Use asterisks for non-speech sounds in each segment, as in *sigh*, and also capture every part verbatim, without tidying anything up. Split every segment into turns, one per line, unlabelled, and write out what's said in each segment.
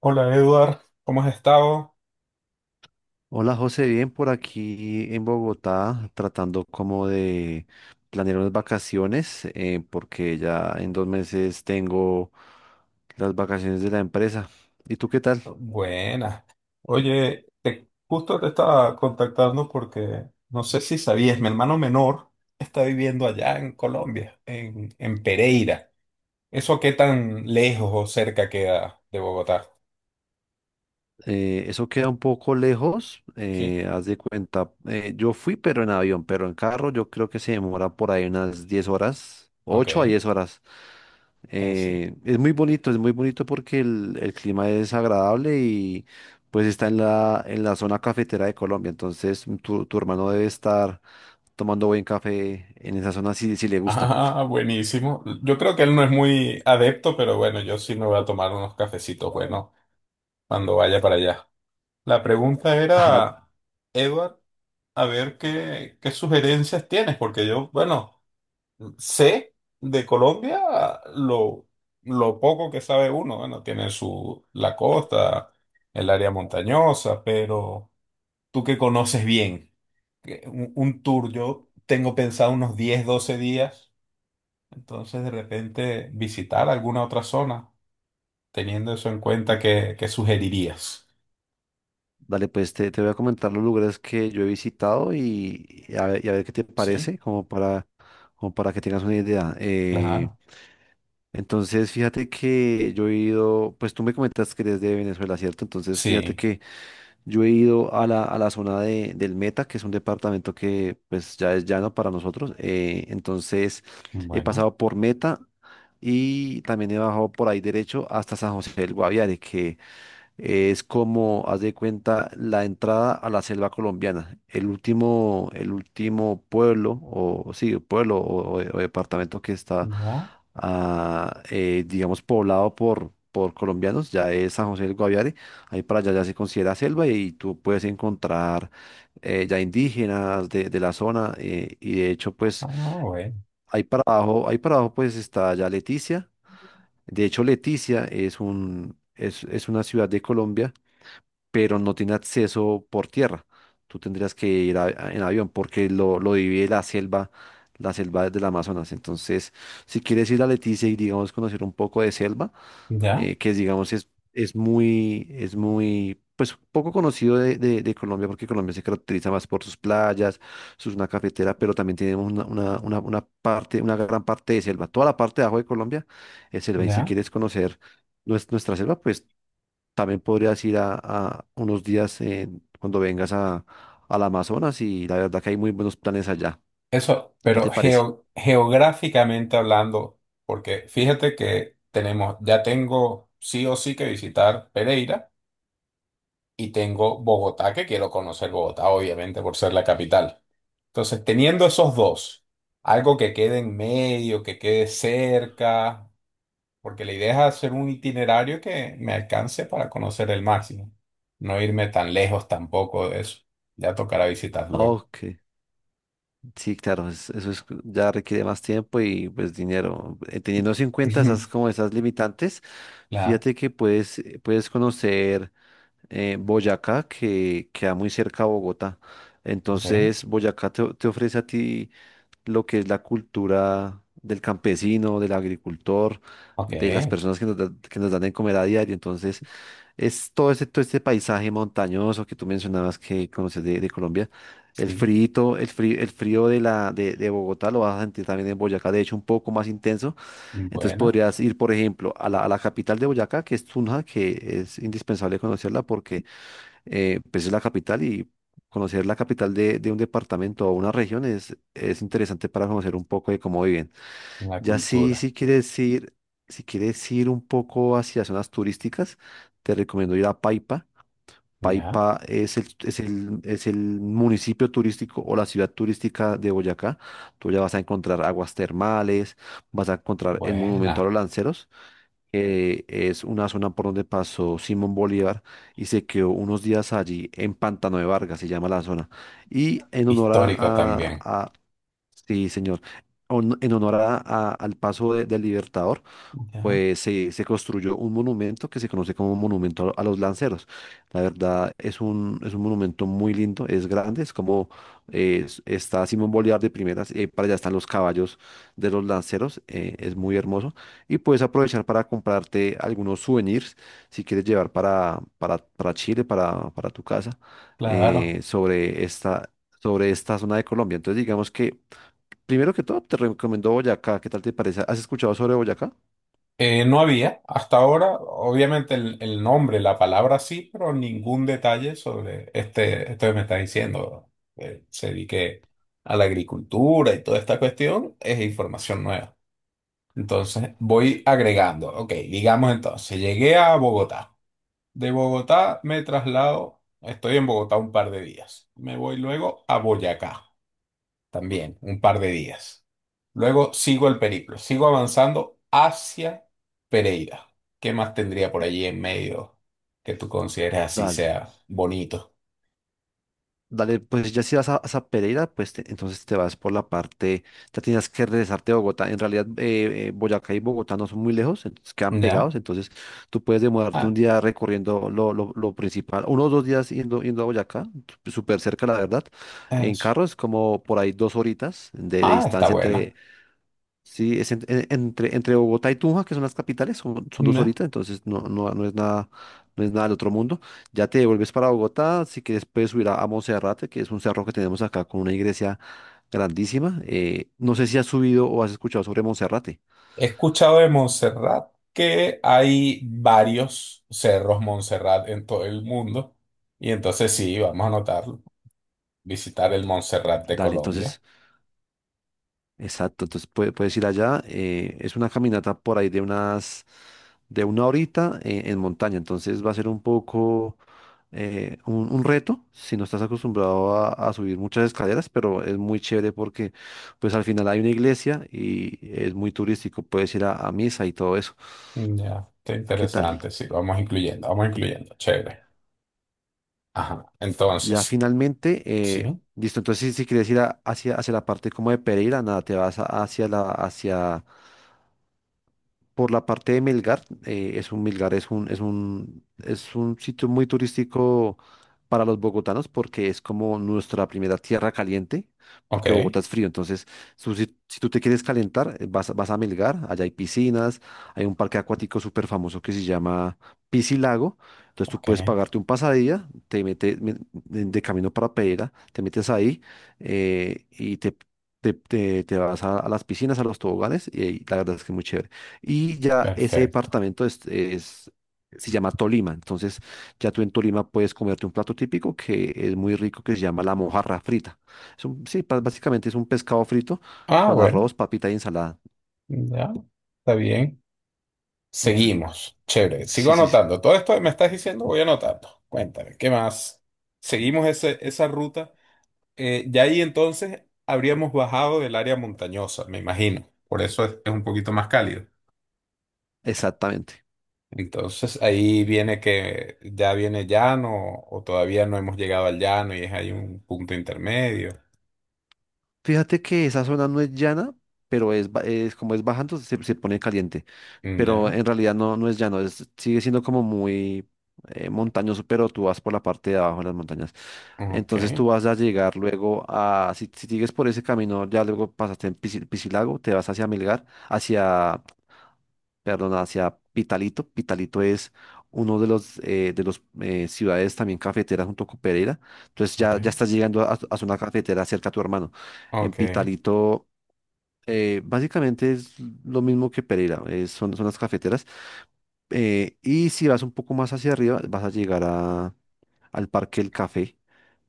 Hola Eduard, ¿cómo has estado?
Hola José, bien por aquí en Bogotá, tratando como de planear unas vacaciones, eh, porque ya en dos meses tengo las vacaciones de la empresa. ¿Y tú qué tal?
Buenas. Oye, te- justo te estaba contactando porque no sé si sabías, mi hermano menor está viviendo allá en Colombia, en, en Pereira. ¿Eso qué tan lejos o cerca queda de Bogotá?
Eh, eso queda un poco lejos,
Sí,
eh, haz de cuenta, eh, yo fui pero en avión, pero en carro yo creo que se demora por ahí unas diez horas,
ok,
ocho a
eh,
diez horas.
sí.
Eh,
*laughs*
es muy bonito, es muy bonito porque el, el clima es agradable y pues está en la, en la, zona cafetera de Colombia. Entonces tu, tu hermano debe estar tomando buen café en esa zona si, si le gusta.
Ah, buenísimo. Yo creo que él no es muy adepto, pero bueno, yo sí me voy a tomar unos cafecitos buenos cuando vaya para allá. La pregunta
*laughs* Ajá,
era, Eduard. A ver qué, qué sugerencias tienes, porque yo, bueno, sé de Colombia lo, lo poco que sabe uno, bueno, tiene su, la costa, el área montañosa, pero tú que conoces bien, que un, un tour, yo tengo pensado unos diez doce días, entonces de repente visitar alguna otra zona, teniendo eso en cuenta, ¿qué, qué sugerirías?
dale, pues te, te voy a comentar los lugares que yo he visitado y, y a ver, y a ver qué te
Sí,
parece, como para, como para que tengas una idea. Eh,
claro,
entonces fíjate que yo he ido, pues tú me comentas que eres de Venezuela, ¿cierto? Entonces fíjate
sí,
que... Yo he ido a la, a la zona de, del Meta, que es un departamento que pues ya es llano para nosotros. eh, entonces he
bueno,
pasado por Meta y también he bajado por ahí derecho hasta San José del Guaviare, que es como, haz de cuenta, la entrada a la selva colombiana. El último, el último pueblo, o sí, pueblo o, o- o departamento que está,
ya,
ah, eh, digamos, poblado por, por colombianos, ya es San José del Guaviare. Ahí para allá ya se considera selva y tú puedes encontrar eh, ya indígenas de, de la zona. eh, y de hecho,
ah,
pues,
bueno,
ahí para abajo, ahí para abajo, pues está ya Leticia. De hecho, Leticia es un, es es una ciudad de Colombia, pero no tiene acceso por tierra. Tú tendrías que ir a- a- en avión porque lo, lo divide la selva, la selva del Amazonas. Entonces, si quieres ir a Leticia y, digamos, conocer un poco de selva,
ya.
eh, que, digamos, es, es muy, es muy, pues, poco conocido de, de- de Colombia porque Colombia se caracteriza más por sus playas, sus una cafetera, pero también tenemos una, una, una, una parte, una gran parte de selva. Toda la parte de abajo de Colombia es selva. Y si
¿Ya?
quieres conocer nues- nuestra selva, pues también podrías ir a, a unos días en- cuando vengas a, al Amazonas, y la verdad que hay muy buenos planes allá.
Eso,
¿Qué te
pero
parece?
geo- geográficamente hablando, porque fíjate que tenemos, ya tengo sí o sí que visitar Pereira y tengo Bogotá, que quiero conocer Bogotá, obviamente, por ser la capital. Entonces, teniendo esos dos, algo que quede en medio, que quede cerca, porque la idea es hacer un itinerario que me alcance para conocer el máximo, no irme tan lejos tampoco de eso. Ya tocará visitar luego.
Ok, sí, claro, es- eso es, ya requiere más tiempo y pues dinero. Eh, Teniendo en cuenta esas
*laughs*
como esas limitantes,
Claro,
fíjate que puedes, eh, puedes conocer, eh, Boyacá, que queda muy cerca a Bogotá.
ok,
Entonces, Boyacá te, te ofrece a ti lo que es la cultura del campesino, del agricultor,
ok,
de las personas que nos, da- que nos dan de comer a diario. Entonces, es todo este, todo este paisaje montañoso que tú mencionabas que conoces de, de Colombia. El
sí.
frío, el frío, el frío de la de, de Bogotá lo vas a sentir también en Boyacá, de hecho un poco más intenso. Entonces
Buena,
podrías ir, por ejemplo, a la, a la capital de Boyacá, que es Tunja, que es indispensable conocerla porque, eh, pues, es la capital, y conocer la capital de, de un departamento o una región es, es interesante para conocer un poco de cómo viven.
la
Ya si,
cultura.
si quieres ir, si quieres ir un poco hacia zonas turísticas, te recomiendo ir a Paipa.
Ya,
Paipa es el, es el, es el municipio turístico o la ciudad turística de Boyacá. Tú ya vas a encontrar aguas termales, vas a encontrar el monumento a
buena.
los lanceros, que es una zona por donde pasó Simón Bolívar y se quedó unos días allí en Pantano de Vargas, se llama la zona. Y en honor a,
Histórico
a-
también.
a- Sí, señor. On- en honor a- a- al paso de- del Libertador
Ya,
pues se, se construyó un monumento que se conoce como Monumento a los Lanceros. La verdad es un, es un monumento muy lindo, es grande, es como eh, es- está Simón Bolívar de primeras, y ahí para allá están los caballos de los lanceros, eh, es muy hermoso. Y puedes aprovechar para comprarte algunos souvenirs si quieres llevar para, para, para Chile, para, para tu casa,
claro.
eh, sobre esta... sobre esta zona de Colombia. Entonces, digamos que, primero que todo, te recomiendo Boyacá. ¿Qué tal te parece? ¿Has escuchado sobre Boyacá?
Eh, no había hasta ahora, obviamente el, el nombre, la palabra sí, pero ningún detalle sobre este, esto que me está diciendo. Eh, se dedique a la agricultura y toda esta cuestión es información nueva. Entonces voy agregando. Ok, digamos entonces, llegué a Bogotá. De Bogotá me traslado, estoy en Bogotá un par de días. Me voy luego a Boyacá. También un par de días. Luego sigo el periplo, sigo avanzando hacia Pereira. ¿Qué más tendría por allí en medio que tú consideres así
Dale.
sea bonito?
Dale, pues ya si vas a, a Pereira, pues te- entonces te vas por la parte, ya tienes que regresarte a Bogotá. En realidad, eh, eh, Boyacá y Bogotá no son muy lejos, entonces quedan
¿Ya?
pegados. Entonces tú puedes demorarte un
Ah,
día recorriendo lo, lo, lo principal, uno o dos días yendo, yendo a Boyacá, súper cerca, la verdad. En
eso.
carro es como por ahí dos horitas de, de
Ah, está
distancia entre,
buena.
sí, es en- en- entre, entre Bogotá y Tunja, que son las capitales, son, son dos
¿Ya?
horitas, entonces no, no, no es nada, no es nada del otro mundo. Ya te devuelves para Bogotá, si quieres puedes subir a, a Monserrate, que es un cerro que tenemos acá con una iglesia grandísima. Eh, no sé si has subido o has escuchado sobre Monserrate.
He escuchado de Montserrat que hay varios cerros Montserrat en todo el mundo. Y entonces sí, vamos a anotarlo. Visitar el Montserrat de
Dale,
Colombia.
entonces Exacto, entonces puede- puedes ir allá. Eh, es una caminata por ahí de unas, de una horita eh, en montaña, entonces va a ser un poco, eh, un, un, reto si no estás acostumbrado a, a subir muchas escaleras, pero es muy chévere porque pues al final hay una iglesia y es muy turístico, puedes ir a, a misa y todo eso.
Ya, está
¿Qué tal?
interesante, sí, vamos incluyendo, vamos incluyendo, chévere. Ajá,
Ya
entonces,
finalmente, eh,
sí,
listo, entonces si, si quieres ir a- hacia, hacia la parte como de Pereira, nada, te vas a- hacia la, hacia... por la parte de Melgar. Eh, es un Melgar es un, es un, es un sitio muy turístico para los bogotanos porque es como nuestra primera tierra caliente,
ok,
porque Bogotá es frío. Entonces, su- si, si tú te quieres calentar, eh, vas, a- vas a Melgar, allá hay piscinas, hay un parque acuático súper famoso que se llama Piscilago. Entonces, tú
ok,
puedes pagarte un pasadía, te metes, me- de de camino para Pereira, te metes ahí, eh, y te, te, te- te vas a, a las piscinas, a los toboganes, y ahí la verdad es que es muy chévere. Y ya ese
perfecto.
departamento es, es- se llama Tolima. Entonces, ya tú en Tolima puedes comerte un plato típico que es muy rico, que se llama la mojarra frita. Es un- sí, pa- básicamente es un pescado frito
Ah,
con
bueno,
arroz, papita y ensalada.
ya, está bien.
Entonces,
Seguimos, chévere, sigo
sí, sí, sí,
anotando. Todo esto que me estás diciendo, voy anotando. Cuéntame, ¿qué más? Seguimos ese- esa ruta. Eh, ya ahí entonces habríamos bajado del área montañosa, me imagino. Por eso es, es un poquito más cálido.
exactamente.
Entonces ahí viene que ya viene llano o todavía no hemos llegado al llano y es ahí un punto intermedio.
Fíjate que esa zona no es llana, pero es, ba- es como es bajando, se, se pone caliente.
Mm,
Pero
ya,
en realidad no, no es llano, es, sigue siendo como muy, eh, montañoso, pero tú vas por la parte de abajo de las montañas.
ok.
Entonces tú vas a llegar luego a, si, si sigues por ese camino, ya luego pasaste en Pisi- Pisilago, te vas hacia Milgar hacia, perdón, hacia Pitalito. Pitalito es uno de los, eh, de los eh, ciudades también cafeteras junto con Pereira. Entonces
Ok,
ya, ya estás llegando a, a zona cafetera cerca a tu hermano. En
ok,
Pitalito, eh, básicamente es lo mismo que Pereira, eh, son, son las cafeteras. Eh, y si vas un poco más hacia arriba, vas a llegar a, al Parque El Café,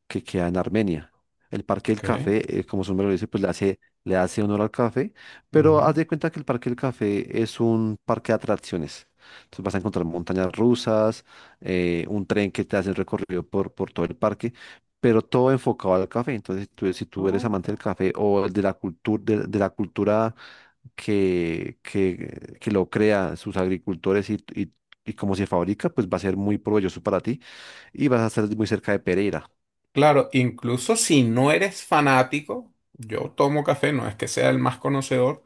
que queda en Armenia. El Parque del
ok.
Café, eh, como su nombre lo dice, pues le hace, le hace honor al café, pero
Ya,
haz de cuenta que el Parque del Café es un parque de atracciones. Entonces vas a encontrar montañas rusas, eh, un tren que te hace el recorrido por, por todo el parque, pero todo enfocado al café. Entonces, tú- si tú eres amante del
ok.
café o de la cultura, de, de la cultura que, que, que lo crea sus agricultores, y, y, y cómo se fabrica, pues va a ser muy provechoso para ti y vas a estar muy cerca de Pereira.
Claro, incluso si no eres fanático, yo tomo café, no es que sea el más conocedor,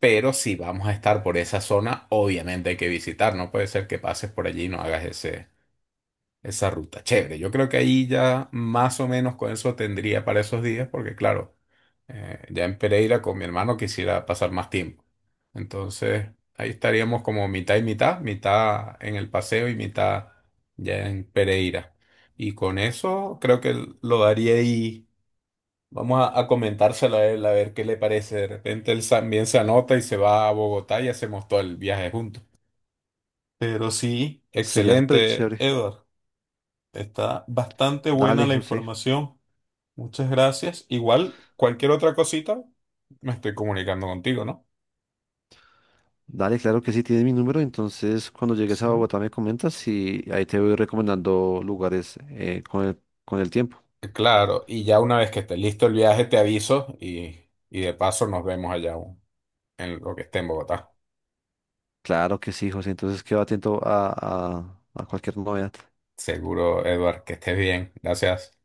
pero si vamos a estar por esa zona, obviamente hay que visitar, no puede ser que pases por allí y no hagas ese, esa ruta, chévere. Yo creo que ahí ya más o menos con eso tendría para esos días, porque claro, eh, ya en Pereira con mi hermano quisiera pasar más tiempo. Entonces, ahí estaríamos como mitad y mitad, mitad en el paseo y mitad ya en Pereira. Y con eso creo que lo daría ahí. Vamos a, a comentárselo a él, a ver qué le parece. De repente él también se anota y se va a Bogotá y hacemos todo el viaje juntos. Pero sí,
Sería súper
excelente,
chévere.
Edward. Está bastante buena
Dale,
la
José.
información. Muchas gracias. Igual, cualquier otra cosita, me estoy comunicando contigo, ¿no?
Dale, claro que sí, tienes mi número. Entonces, cuando llegues
Sí.
a Bogotá me comentas y ahí te voy recomendando lugares, eh, con el, con el, tiempo.
Claro, y ya una vez que esté listo el viaje, te aviso y, y de paso nos vemos allá en lo que esté en Bogotá.
Claro que sí, José. Entonces, quedo atento a, a a cualquier novedad.
Seguro, Edward, que estés bien. Gracias.